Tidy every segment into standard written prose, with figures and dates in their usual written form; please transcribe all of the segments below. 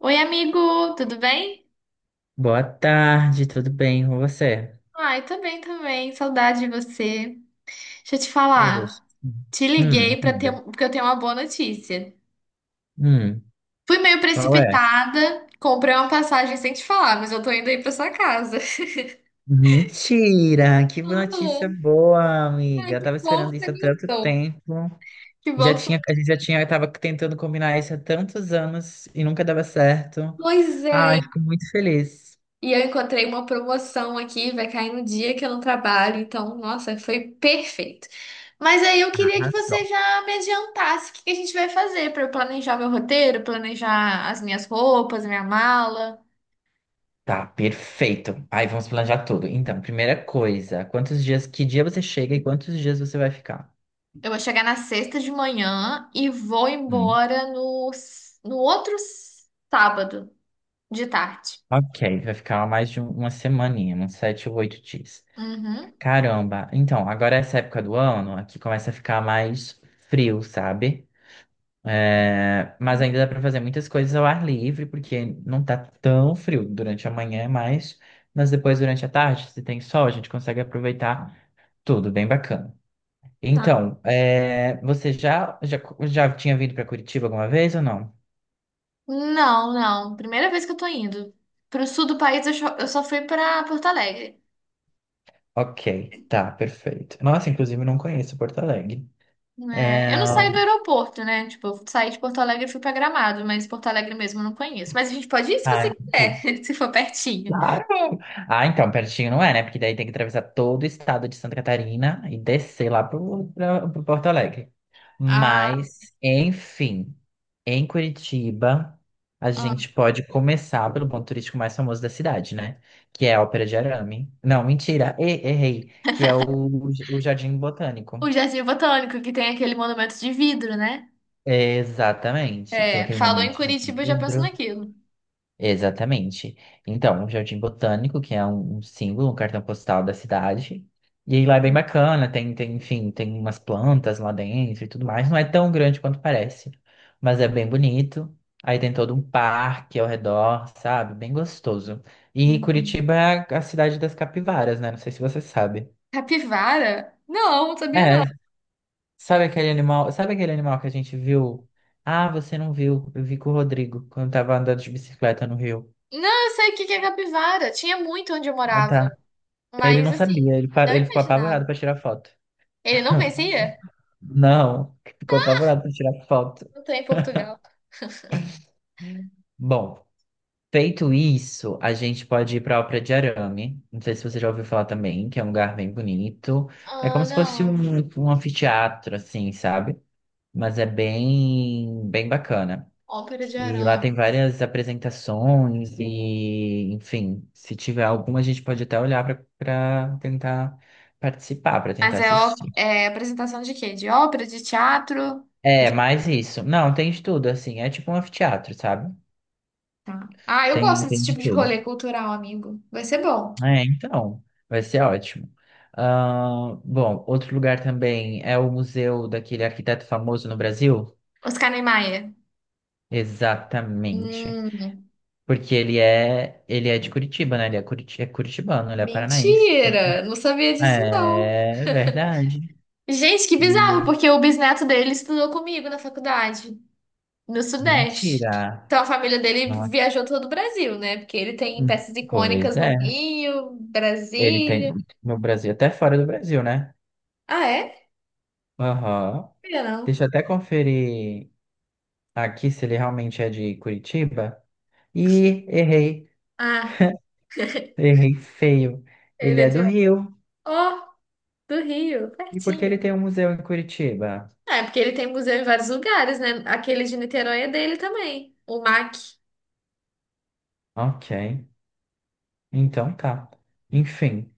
Oi, amigo, tudo bem? Boa tarde, tudo bem com você? Ai, tô bem também, saudade de você. Deixa eu te Poxa. falar, te liguei para ter, Diga. Porque eu tenho uma boa notícia. Hum, Fui meio qual é? precipitada, comprei uma passagem sem te falar, mas eu tô indo aí pra sua casa. Mentira! Que notícia boa, Ah, ai, amiga. Eu que tava bom esperando que você isso há tanto gostou. tempo. Que bom Já que você... tinha, a gente já tinha, tava tentando combinar isso há tantos anos e nunca dava certo. Pois Ai, é. fico muito feliz. E eu encontrei uma promoção aqui, vai cair no dia que eu não trabalho, então, nossa, foi perfeito. Mas aí eu queria que Arrasou. você já me adiantasse o que que a gente vai fazer para eu planejar meu roteiro, planejar as minhas roupas, minha mala. Tá, perfeito. Aí vamos planejar tudo. Então, primeira coisa, quantos dias, que dia você chega e quantos dias você vai ficar? Eu vou chegar na sexta de manhã e vou embora no, no outro sábado de tarde. Ok, vai ficar mais de uma semaninha, uns 7 ou 8 dias. Uhum. Caramba, então, agora é essa época do ano, aqui começa a ficar mais frio, sabe? É, mas ainda dá para fazer muitas coisas ao ar livre, porque não tá tão frio durante a manhã, mas depois durante a tarde, se tem sol, a gente consegue aproveitar tudo, bem bacana. Tá. Então, é, você já tinha vindo para Curitiba alguma vez ou não? Não, não. Primeira vez que eu tô indo. Pro sul do país, eu só fui pra Porto Alegre. Ok, tá, perfeito. Nossa, inclusive não conheço Porto Alegre. É, É, eu não saio do aeroporto, né? Tipo, eu saí de Porto Alegre e fui pra Gramado, mas Porto Alegre mesmo eu não conheço. Mas a gente pode ir se ah, você entendi. quiser, se for pertinho. Claro! Ah, então, pertinho não é, né? Porque daí tem que atravessar todo o estado de Santa Catarina e descer pro Porto Alegre. Ah, Mas, enfim, em Curitiba, a ah. gente pode começar pelo ponto turístico mais famoso da cidade, né? Que é a Ópera de Arame. Não, mentira, errei. O Jardim Botânico. O Jardim Botânico, que tem aquele monumento de vidro, né? Exatamente. Que tem É, aquele falou em monumento de Curitiba, eu já penso vidro. naquilo. Exatamente. Então, o Jardim Botânico, que é um símbolo, um cartão postal da cidade. E aí lá é bem bacana, tem, enfim, tem umas plantas lá dentro e tudo mais. Não é tão grande quanto parece, mas é bem bonito. Aí tem todo um parque ao redor, sabe? Bem gostoso. E Uhum. Curitiba é a cidade das capivaras, né? Não sei se você sabe. Capivara? Não, não sabia É, não. Sabe aquele animal que a gente viu? Ah, você não viu. Eu vi com o Rodrigo quando tava andando de bicicleta no Rio. Não, eu sei o que que é capivara. Tinha muito onde eu Ah, tá. morava. Ele Mas, não assim, sabia, ele, não parou, ele ficou imaginava. apavorado para tirar foto. Ele não conhecia? Não, ficou apavorado para tirar foto. Não tô em Portugal. Bom, feito isso, a gente pode ir para a Ópera de Arame. Não sei se você já ouviu falar também, que é um lugar bem bonito. É Ah, como se fosse não. Um anfiteatro, assim, sabe? Mas é bem bacana. Ópera de E lá arame. tem várias apresentações e, enfim, se tiver alguma, a gente pode até olhar para tentar para tentar Mas é, assistir. é apresentação de quê? De ópera, de teatro? É, mais isso. Não, tem de tudo, assim. É tipo um anfiteatro, sabe? Tá. Ah, eu gosto Tem desse de tipo de tudo. rolê cultural, amigo. Vai ser bom. É, então, vai ser ótimo. Ah, bom, outro lugar também é o museu daquele arquiteto famoso no Brasil. Oscar Niemeyer. Exatamente. Hum, Porque ele é de Curitiba, né? Ele é, curiti é curitibano, ele é paranaense. mentira! Não sabia disso, não. É verdade. Gente, que bizarro, E... porque o bisneto dele estudou comigo na faculdade, no Sudeste. Mentira. Então a família dele Não é... viajou todo o Brasil, né? Porque ele tem peças Pois icônicas é. no Rio, Ele tem Brasília. no Brasil, até fora do Brasil, né? Ah, é? Não Aham. sabia, não. Deixa eu até conferir aqui se ele realmente é de Curitiba. E errei, Ah, errei feio. Ele ele é é de... do Rio. Ó, do Rio, E por que ele pertinho. tem um museu em Curitiba? É, porque ele tem museu em vários lugares, né? Aquele de Niterói é dele também, o MAC. Ok, então tá. Enfim,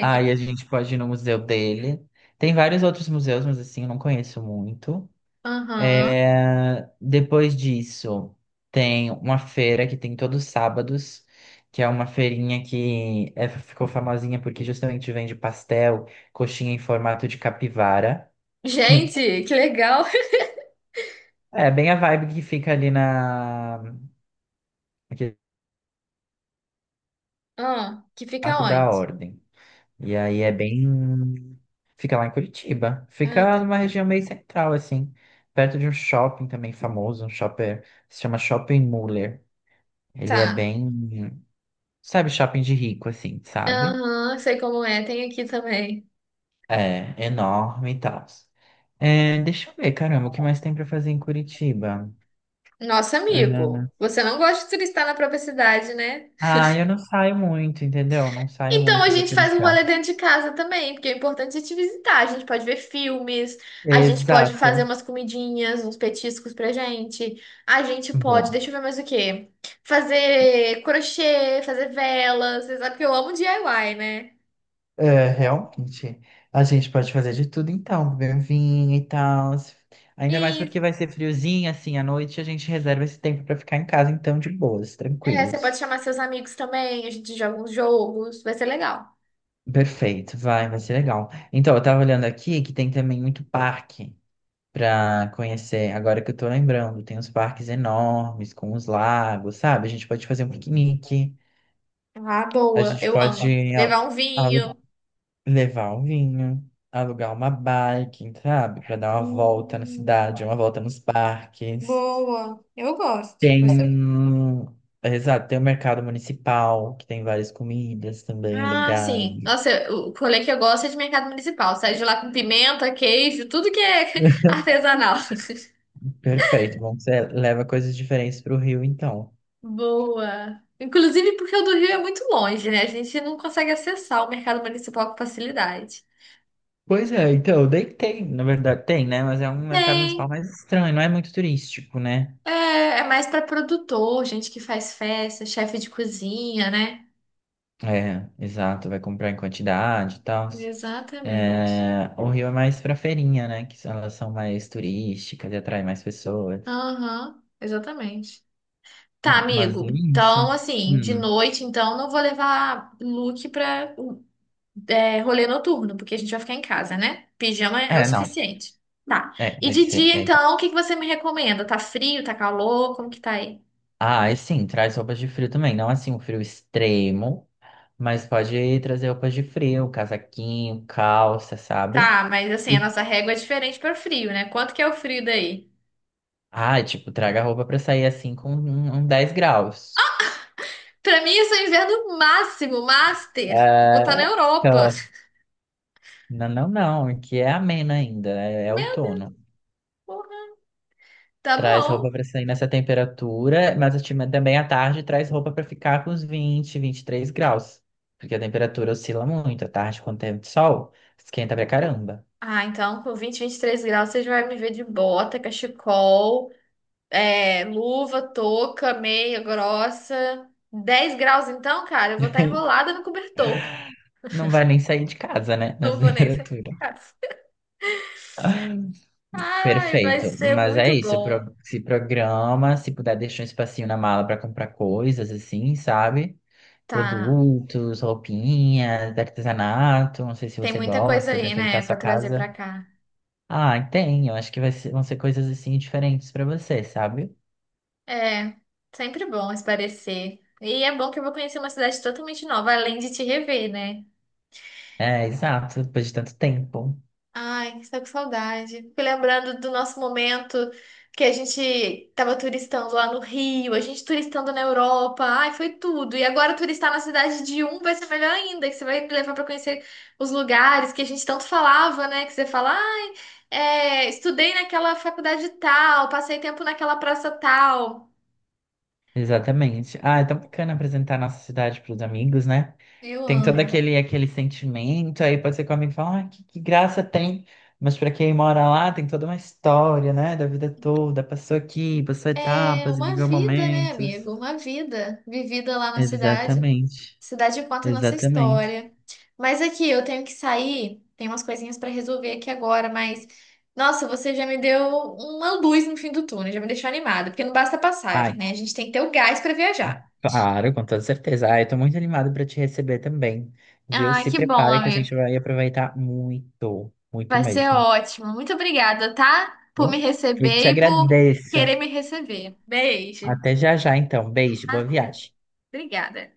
aí a gente pode ir no museu dele. Tem vários outros museus, mas assim, eu não conheço muito. Aham. É, depois disso, tem uma feira que tem todos os sábados, que é uma feirinha ficou famosinha porque justamente vende pastel, coxinha em formato de capivara. Gente, que legal. É bem a vibe que fica ali na naquele Ah, que fica Arco da onde? Ordem. E aí é bem. Fica lá em Curitiba. Ah, Fica tá. numa região meio central, assim. Perto de um shopping também famoso, um shopper. Se chama Shopping Muller. Ele é Tá. bem. Sabe, shopping de rico, assim, sabe? Aham, sei como é, tem aqui também. É, enorme e tal. É, deixa eu ver, caramba, o que mais tem pra fazer em Curitiba? Nosso amigo, É, você não gosta de turistar na própria cidade, né? ah, eu não saio muito, entendeu? Não saio Então a muito pra gente faz um turistar. rolê dentro de casa também, porque o importante é te visitar. A gente pode ver filmes, a gente pode fazer Exato. umas comidinhas, uns petiscos pra gente. A gente pode, Boa. deixa eu ver mais o quê? Fazer crochê, fazer velas. Você sabe que eu amo DIY, né? É, realmente. A gente pode fazer de tudo então, beber um vinho e tal. Ainda mais Isso. porque vai ser friozinho, assim, à noite, a gente reserva esse tempo pra ficar em casa, então, de boas, É, você pode tranquilos. chamar seus amigos também, a gente joga uns jogos, vai ser legal. Perfeito, vai ser legal. Então, eu tava olhando aqui que tem também muito parque para conhecer. Agora que eu tô lembrando, tem uns parques enormes com os lagos, sabe? A gente pode fazer um piquenique, Ah, a boa. gente Eu amo. pode a- Levar um alu- vinho. levar um vinho, alugar uma bike, sabe? Para dar uma volta na Hum, cidade, uma volta nos parques. Boa, eu gosto. Tem, Você... exato, tem o mercado municipal, que tem várias comidas também Ah, sim. legais. Nossa, o rolê que eu gosto é de mercado municipal. Sai de lá com pimenta, queijo, tudo que é artesanal. Perfeito, bom, você leva coisas diferentes para o Rio, então. Boa. Inclusive porque o do Rio é muito longe, né? A gente não consegue acessar o mercado municipal com facilidade. Pois é, então, na verdade tem, né? Mas é um mercado Tem. municipal mais estranho, não é muito turístico, né? É, é mais para produtor, gente que faz festa, chefe de cozinha, né? É, exato, vai comprar em quantidade e tal. Exatamente. É, o Rio é mais pra feirinha, né? Que elas são mais turísticas e atraem mais pessoas. Aham, exatamente. Tá, Mas é amigo. isso. Então, assim, de Hum. noite, então, não vou levar look pra é, rolê noturno, porque a gente vai ficar em casa, né? Pijama é o É, não. suficiente. Tá. É, E vai de ser. dia, É, então, exato. o que que você me recomenda? Tá frio? Tá calor? Como que tá aí? Ah, e sim, traz roupas de frio também. Não assim, um frio extremo, mas pode trazer roupas de frio, casaquinho, calça, sabe? Tá, mas assim, a E nossa régua é diferente para o frio, né? Quanto que é o frio daí? Ah, tipo, traga roupa pra sair assim uns 10 graus. Pra mim, isso é inverno máximo, master. Vou estar na É, Europa. então, não, que é ameno ainda, é Meu Deus, outono. porra. Tá Traz bom. roupa pra sair nessa temperatura, mas a também à tarde traz roupa pra ficar com os 20, 23 graus. Porque a temperatura oscila muito. À tarde, quando tem sol, esquenta pra caramba. Ah, então, com 20, 23 graus, você já vai me ver de bota, cachecol. É, luva, touca, meia grossa. 10 graus, então, cara, eu vou estar enrolada no cobertor. Não vai nem sair de casa, né? Não Nessa vou nem sair temperatura. de casa. Ai, vai Perfeito, ser mas é muito isso, bom. Se programa, se puder deixar um espacinho na mala para comprar coisas assim, sabe? Tá. Produtos, roupinhas, artesanato, não sei se Tem você muita coisa gosta para aí, enfeitar né, sua pra trazer casa. pra cá. Ah, tem, eu acho que vão ser coisas assim diferentes para você, sabe? É, sempre bom espairecer. E é bom que eu vou conhecer uma cidade totalmente nova, além de te rever, né? É, exato, depois de tanto tempo. Ai, que tô com saudade. Fico lembrando do nosso momento que a gente tava turistando lá no Rio, a gente turistando na Europa. Ai, foi tudo. E agora turistar na cidade de um vai ser melhor ainda, que você vai me levar pra conhecer os lugares que a gente tanto falava, né? Que você fala, ai, é, estudei naquela faculdade tal, passei tempo naquela praça tal. Exatamente. Ah, é tão bacana apresentar a nossa cidade para os amigos, né? Eu Tem todo amo. Aquele sentimento, aí pode ser que o amigo fala, ah, que graça tem. Mas para quem mora lá, tem toda uma história, né? Da vida toda, passou aqui, passou É etapas, uma viveu vida, né, momentos. amigo? Uma vida vivida lá na cidade. Exatamente, Cidade conta a nossa exatamente. história. Mas aqui, eu tenho que sair, tem umas coisinhas pra resolver aqui agora, mas nossa, você já me deu uma luz no fim do túnel, já me deixou animada, porque não basta a Ai, passagem, né? A gente tem que ter o gás pra viajar. claro, com toda certeza. Ai, eu tô muito animado para te receber também, viu? Ah, Se que bom, prepara que a amigo. gente vai aproveitar muito, muito Vai ser mesmo. Tá ótimo. Muito obrigada, tá? Por bom? me Eu te receber e por agradeço. querer me receber. Beijo. Até já já, então. Beijo, Tá? boa viagem. Obrigada.